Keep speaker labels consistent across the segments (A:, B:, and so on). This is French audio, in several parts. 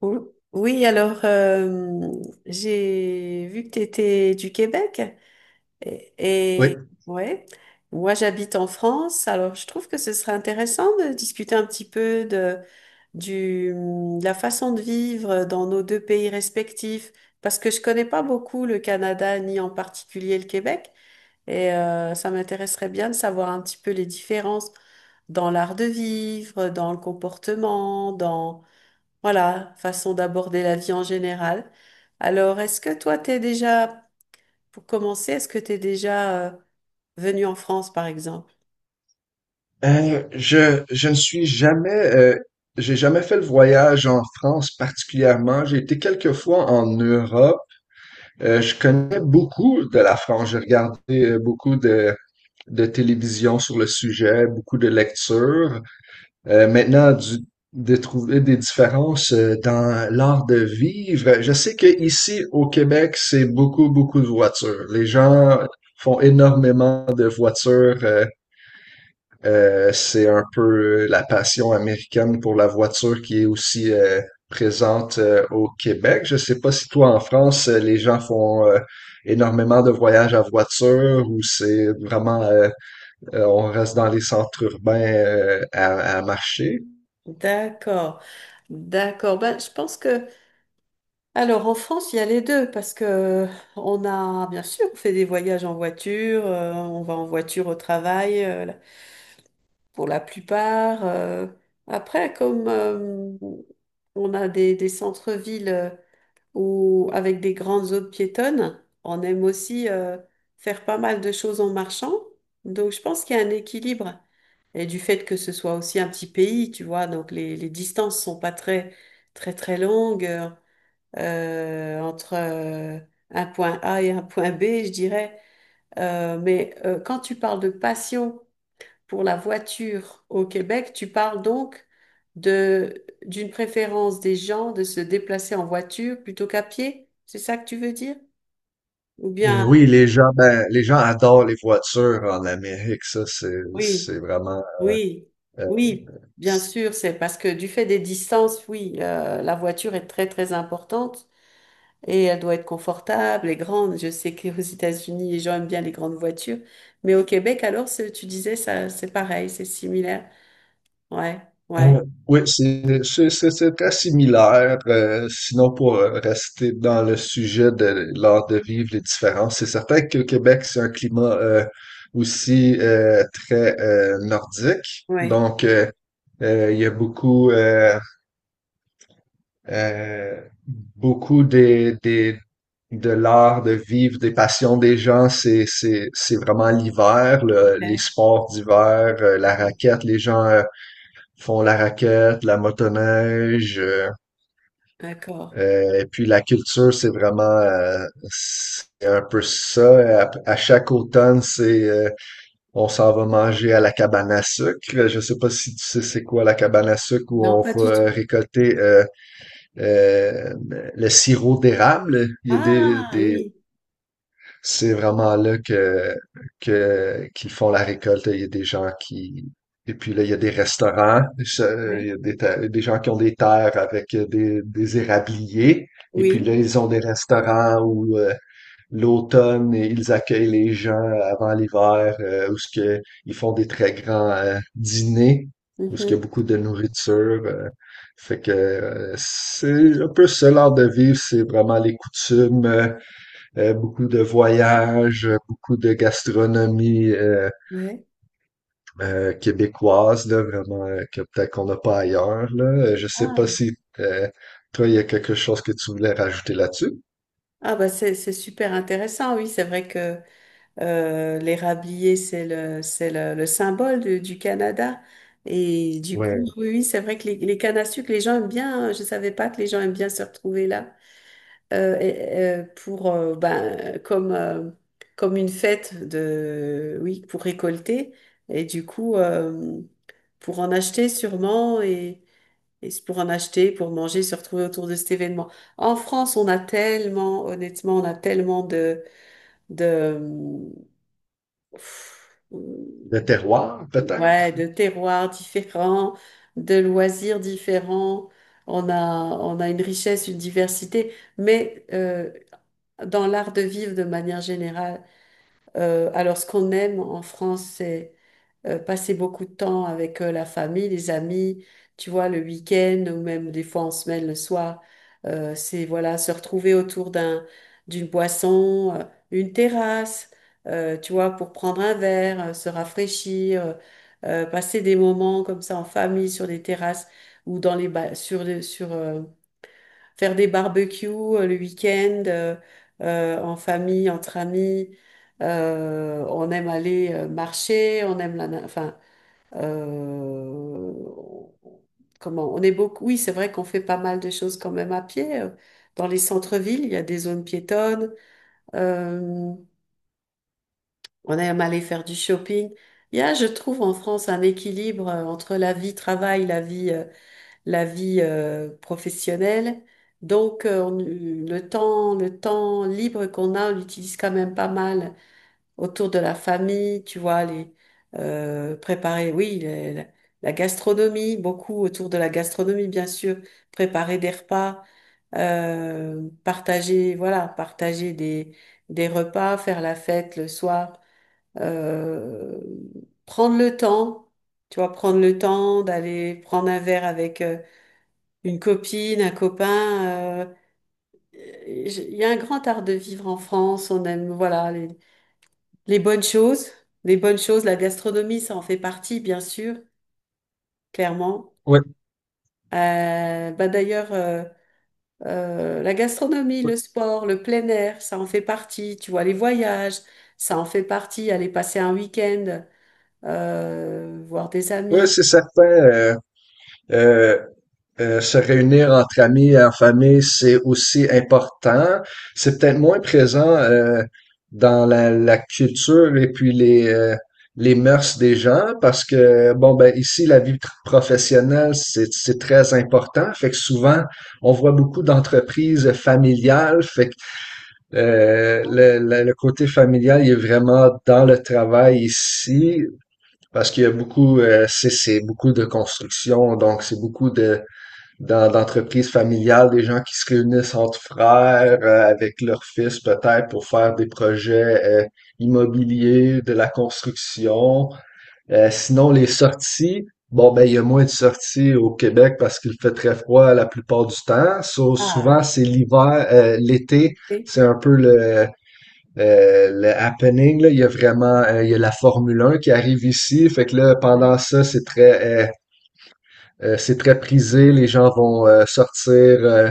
A: Oui, alors j'ai vu que tu étais du Québec et,
B: Oui.
A: ouais, moi j'habite en France, alors je trouve que ce serait intéressant de discuter un petit peu du, de la façon de vivre dans nos deux pays respectifs parce que je connais pas beaucoup le Canada ni en particulier le Québec et ça m'intéresserait bien de savoir un petit peu les différences dans l'art de vivre, dans le comportement, dans voilà, façon d'aborder la vie en général. Alors, est-ce que toi, t'es déjà, pour commencer, est-ce que t'es déjà venu en France, par exemple?
B: Je ne suis jamais, j'ai jamais fait le voyage en France particulièrement. J'ai été quelques fois en Europe. Je connais beaucoup de la France. J'ai regardé beaucoup de télévision sur le sujet, beaucoup de lectures. Maintenant, de trouver des différences dans l'art de vivre. Je sais que ici au Québec, c'est beaucoup, beaucoup de voitures. Les gens font énormément de voitures. C'est un peu la passion américaine pour la voiture qui est aussi présente au Québec. Je sais pas si toi en France, les gens font énormément de voyages à voiture ou c'est vraiment on reste dans les centres urbains à marcher.
A: D'accord, d'accord. Ben, alors, en France, il y a les deux parce que on a, bien sûr, on fait des voyages en voiture, on va en voiture au travail, pour la plupart. Après, comme on a des centres-villes où, avec des grandes zones piétonnes, on aime aussi faire pas mal de choses en marchant. Donc, je pense qu'il y a un équilibre. Et du fait que ce soit aussi un petit pays, tu vois, donc les distances sont pas très, très, très longues entre un point A et un point B, je dirais. Mais quand tu parles de passion, pour la voiture au Québec, tu parles donc de d'une préférence des gens de se déplacer en voiture plutôt qu'à pied? C'est ça que tu veux dire? Ou bien,
B: Oui, les gens, ben, les gens adorent les voitures en Amérique, ça,
A: oui,
B: c'est vraiment,
A: oui,
B: euh,
A: oui, bien sûr, c'est parce que du fait des distances, oui, la voiture est très, très importante et elle doit être confortable et grande. Je sais qu'aux États-Unis, les gens aiment bien les grandes voitures, mais au Québec, alors, tu disais, ça, c'est pareil, c'est similaire. Ouais, ouais,
B: Euh, oui, c'est très similaire. Sinon, pour rester dans le sujet de l'art de vivre, les différences, c'est certain que le Québec, c'est un climat aussi très nordique.
A: ouais.
B: Donc, il y a beaucoup, euh, beaucoup de l'art de vivre, des passions des gens, c'est vraiment l'hiver, les sports d'hiver, la raquette, les gens ils font la raquette, la motoneige,
A: D'accord.
B: et puis la culture, c'est vraiment c'est un peu ça. À chaque automne, c'est on s'en va manger à la cabane à sucre. Je sais pas si tu sais c'est quoi la cabane à sucre où
A: Non,
B: on
A: pas du tout.
B: va récolter euh, le sirop d'érable. Il y a
A: Ah
B: des
A: oui,
B: c'est vraiment là qu'ils font la récolte. Il y a des gens qui, et puis là, il y a des restaurants, ça, il y
A: ouais.
B: a des gens qui ont des terres avec des érabliers. Et puis là,
A: Oui.
B: ils ont des restaurants où l'automne, ils accueillent les gens avant l'hiver, où ce que, ils font des très grands dîners, où ce qu'il
A: Mhm,
B: y a beaucoup de nourriture. Fait que c'est un peu ce l'art de vivre, c'est vraiment les coutumes, beaucoup de voyages, beaucoup de gastronomie
A: ouais.
B: québécoise, là, vraiment, que peut-être qu'on n'a pas ailleurs, là. Je sais pas
A: Ah.
B: si toi, il y a quelque chose que tu voulais rajouter là-dessus.
A: Ah, bah c'est super intéressant, oui. C'est vrai que les râbliers, c'est le symbole du Canada. Et du coup,
B: Ouais.
A: oui, oui, c'est vrai que les cannes à sucre, les gens aiment bien, hein. Je savais pas que les gens aiment bien se retrouver là euh, et- euh, pour, euh, ben, comme, euh, comme une fête de, oui, pour récolter. Et du coup, pour en acheter sûrement. Et c'est pour en acheter, pour manger, se retrouver autour de cet événement. En France, on a tellement, honnêtement, on a tellement de, pff,
B: De terroir,
A: ouais,
B: peut-être?
A: de terroirs différents, de loisirs différents. On a, on a une richesse, une diversité, mais dans l'art de vivre de manière générale, alors ce qu'on aime en France, passer beaucoup de temps avec la famille, les amis, tu vois, le week-end ou même des fois en semaine le soir. C'est voilà, se retrouver autour d'une boisson, une terrasse, tu vois, pour prendre un verre, se rafraîchir, passer des moments comme ça en famille sur des terrasses ou dans les ba- sur le- sur faire des barbecues le week-end en famille, entre amis. On aime aller marcher, on aime enfin, euh, on est beaucoup, oui, c'est vrai qu'on fait pas mal de choses quand même à pied. Dans les centres-villes, il y a des zones piétonnes. Euh, on aime aller faire du shopping. Il y a, je trouve, en France, un équilibre entre la vie travail, la vie professionnelle. Donc, le temps libre qu'on a, on l'utilise quand même pas mal autour de la famille, tu vois, les préparer, oui, la gastronomie, beaucoup autour de la gastronomie, bien sûr, préparer des repas, partager, voilà, partager des repas, faire la fête le soir, euh, prendre le temps, tu vois, prendre le temps d'aller prendre un verre avec une copine, un copain. Il y a un grand art de vivre en France, on aime, voilà, les bonnes choses, les bonnes choses, la gastronomie, ça en fait partie, bien sûr, clairement.
B: Oui,
A: Bah d'ailleurs, la gastronomie,
B: ouais,
A: le sport, le plein air, ça en fait partie. Tu vois, les voyages, ça en fait partie. Aller passer un week-end, voir des
B: ouais,
A: amis.
B: c'est certain. Euh, Se réunir entre amis en famille, c'est aussi important. C'est peut-être moins présent dans la culture et puis les mœurs des gens parce que, bon, ben ici, professionnelle, c'est très important. Fait que souvent, on voit beaucoup d'entreprises familiales. Fait que le côté familial, il est vraiment dans le travail ici parce qu'il y a beaucoup, c'est beaucoup de construction, donc c'est beaucoup de dans l'entreprise familiale, des gens qui se réunissent entre frères avec leurs fils peut-être pour faire des projets immobiliers, de la construction. Sinon, les sorties, bon ben il y a moins de sorties au Québec parce qu'il fait très froid la plupart du temps. So,
A: Ah
B: souvent
A: oui.
B: c'est l'hiver, l'été,
A: Et,
B: c'est un peu le happening, là, il y a vraiment il y a la Formule 1 qui arrive ici, fait que là
A: ah oui.
B: pendant ça c'est très prisé, les gens vont sortir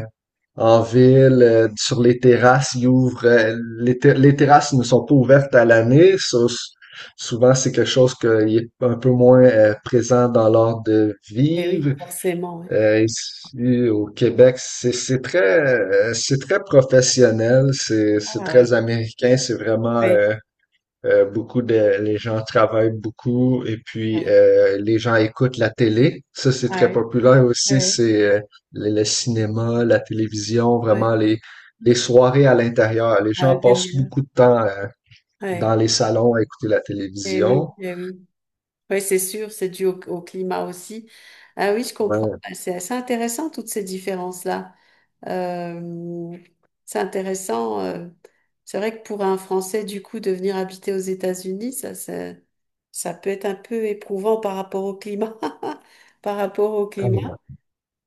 B: en ville, sur les terrasses, ils ouvrent. Les terrasses ne sont pas ouvertes à l'année. Souvent, c'est quelque chose qui est un peu moins présent dans l'ordre de
A: Eh
B: vivre.
A: oui, forcément, ouais.
B: Ici, au Québec, c'est très, c'est très professionnel, c'est
A: Ah
B: c'est
A: oui.
B: très américain, c'est vraiment
A: Oui,
B: beaucoup de les gens travaillent beaucoup et puis
A: ouais,
B: les gens écoutent la télé. Ça, c'est
A: ah
B: très
A: oui,
B: populaire aussi.
A: ouais,
B: C'est Le cinéma, la télévision,
A: ouais,
B: vraiment les soirées à l'intérieur. Les
A: à
B: gens passent
A: l'intérieur.
B: beaucoup de temps dans
A: Ouais,
B: les salons à écouter la
A: et
B: télévision.
A: oui, eh oui. Oui, c'est sûr, c'est dû au, au climat aussi. Ah oui, je comprends.
B: Ouais,
A: Bah, c'est assez intéressant, toutes ces différences-là. Euh, c'est intéressant. C'est vrai que pour un Français, du coup, de venir habiter aux États-Unis, ça peut être un peu éprouvant par rapport au climat. Par rapport au climat.
B: tellement.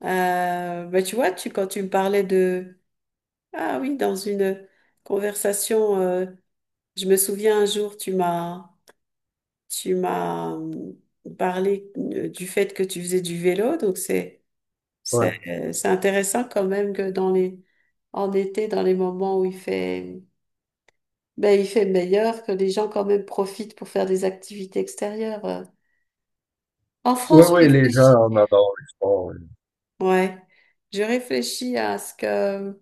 A: Bah, tu vois, quand tu me parlais de… Ah oui, dans une conversation, je me souviens un jour, tu m'as… Tu m'as hum, parlé du fait que tu faisais du vélo, donc
B: Ouais.
A: c'est intéressant quand même que dans les en été, dans les moments où il fait ben, il fait meilleur, que les gens quand même profitent pour faire des activités extérieures. En
B: Oui,
A: France, je
B: oui, les gens
A: réfléchis.
B: en adorent le sport. Oui.
A: Ouais, je réfléchis à ce que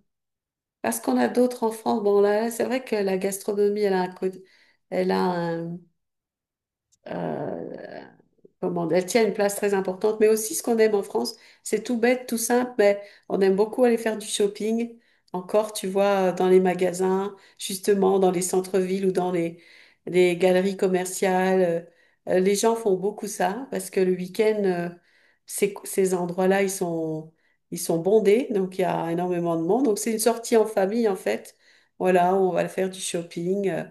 A: à ce qu'on a d'autre en France. Bon là, là, c'est vrai que la gastronomie, elle a un côté, elle a un euh, comment, elle tient une place très importante. Mais aussi, ce qu'on aime en France, c'est tout bête, tout simple, mais on aime beaucoup aller faire du shopping. Encore, tu vois, dans les magasins, justement, dans les centres-villes ou dans les galeries commerciales. Les gens font beaucoup ça parce que le week-end, ces endroits-là, ils sont bondés, donc il y a énormément de monde. Donc, c'est une sortie en famille, en fait. Voilà, on va faire du shopping, euh,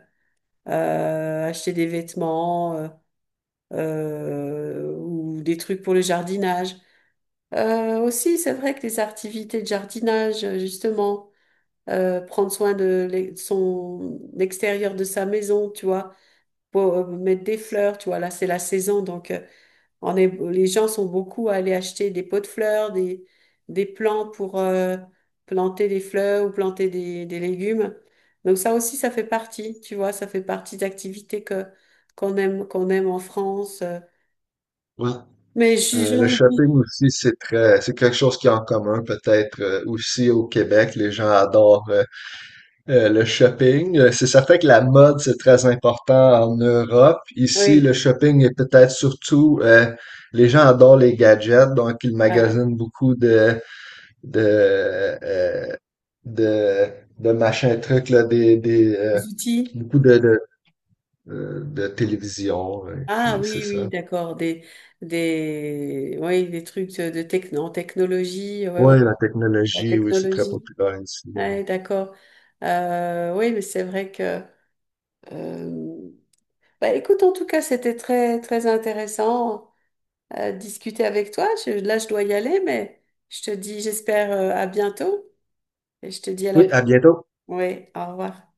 A: euh, acheter des vêtements, ou des trucs pour le jardinage. Aussi, c'est vrai que les activités de jardinage, justement, prendre soin de l'e- son l'extérieur de sa maison, tu vois, pour mettre des fleurs, tu vois, là c'est la saison, donc on est, les gens sont beaucoup à aller acheter des pots de fleurs, des plants pour planter des fleurs ou planter des légumes. Donc ça aussi, ça fait partie, tu vois, ça fait partie d'activités qu'on aime en France.
B: Ouais.
A: Mais j'en
B: Le
A: oublie.
B: shopping aussi, c'est très, c'est quelque chose qui est en commun, peut-être aussi au Québec. Les gens adorent le shopping, c'est certain que la mode, c'est très important en Europe. Ici, le
A: Oui.
B: shopping est peut-être surtout, les gens adorent les gadgets, donc ils
A: Ah,
B: magasinent beaucoup de, euh, de, de machins trucs, là,
A: des outils.
B: beaucoup de télévision, et
A: Ah
B: puis c'est
A: oui, oui,
B: ça.
A: d'accord. Oui, des trucs de techno, en technologie. Ouais, ouais, ouais,
B: Oui, la
A: la
B: technologie, oui, c'est très
A: technologie.
B: populaire ici.
A: Ouais, d'accord. Oui, mais c'est vrai que. euh, Bah, écoute, en tout cas, c'était très, très intéressant de discuter avec toi. Là, je dois y aller, mais je te dis, j'espère à bientôt. Et je te dis à la.
B: Oui, à bientôt.
A: Oui, au revoir.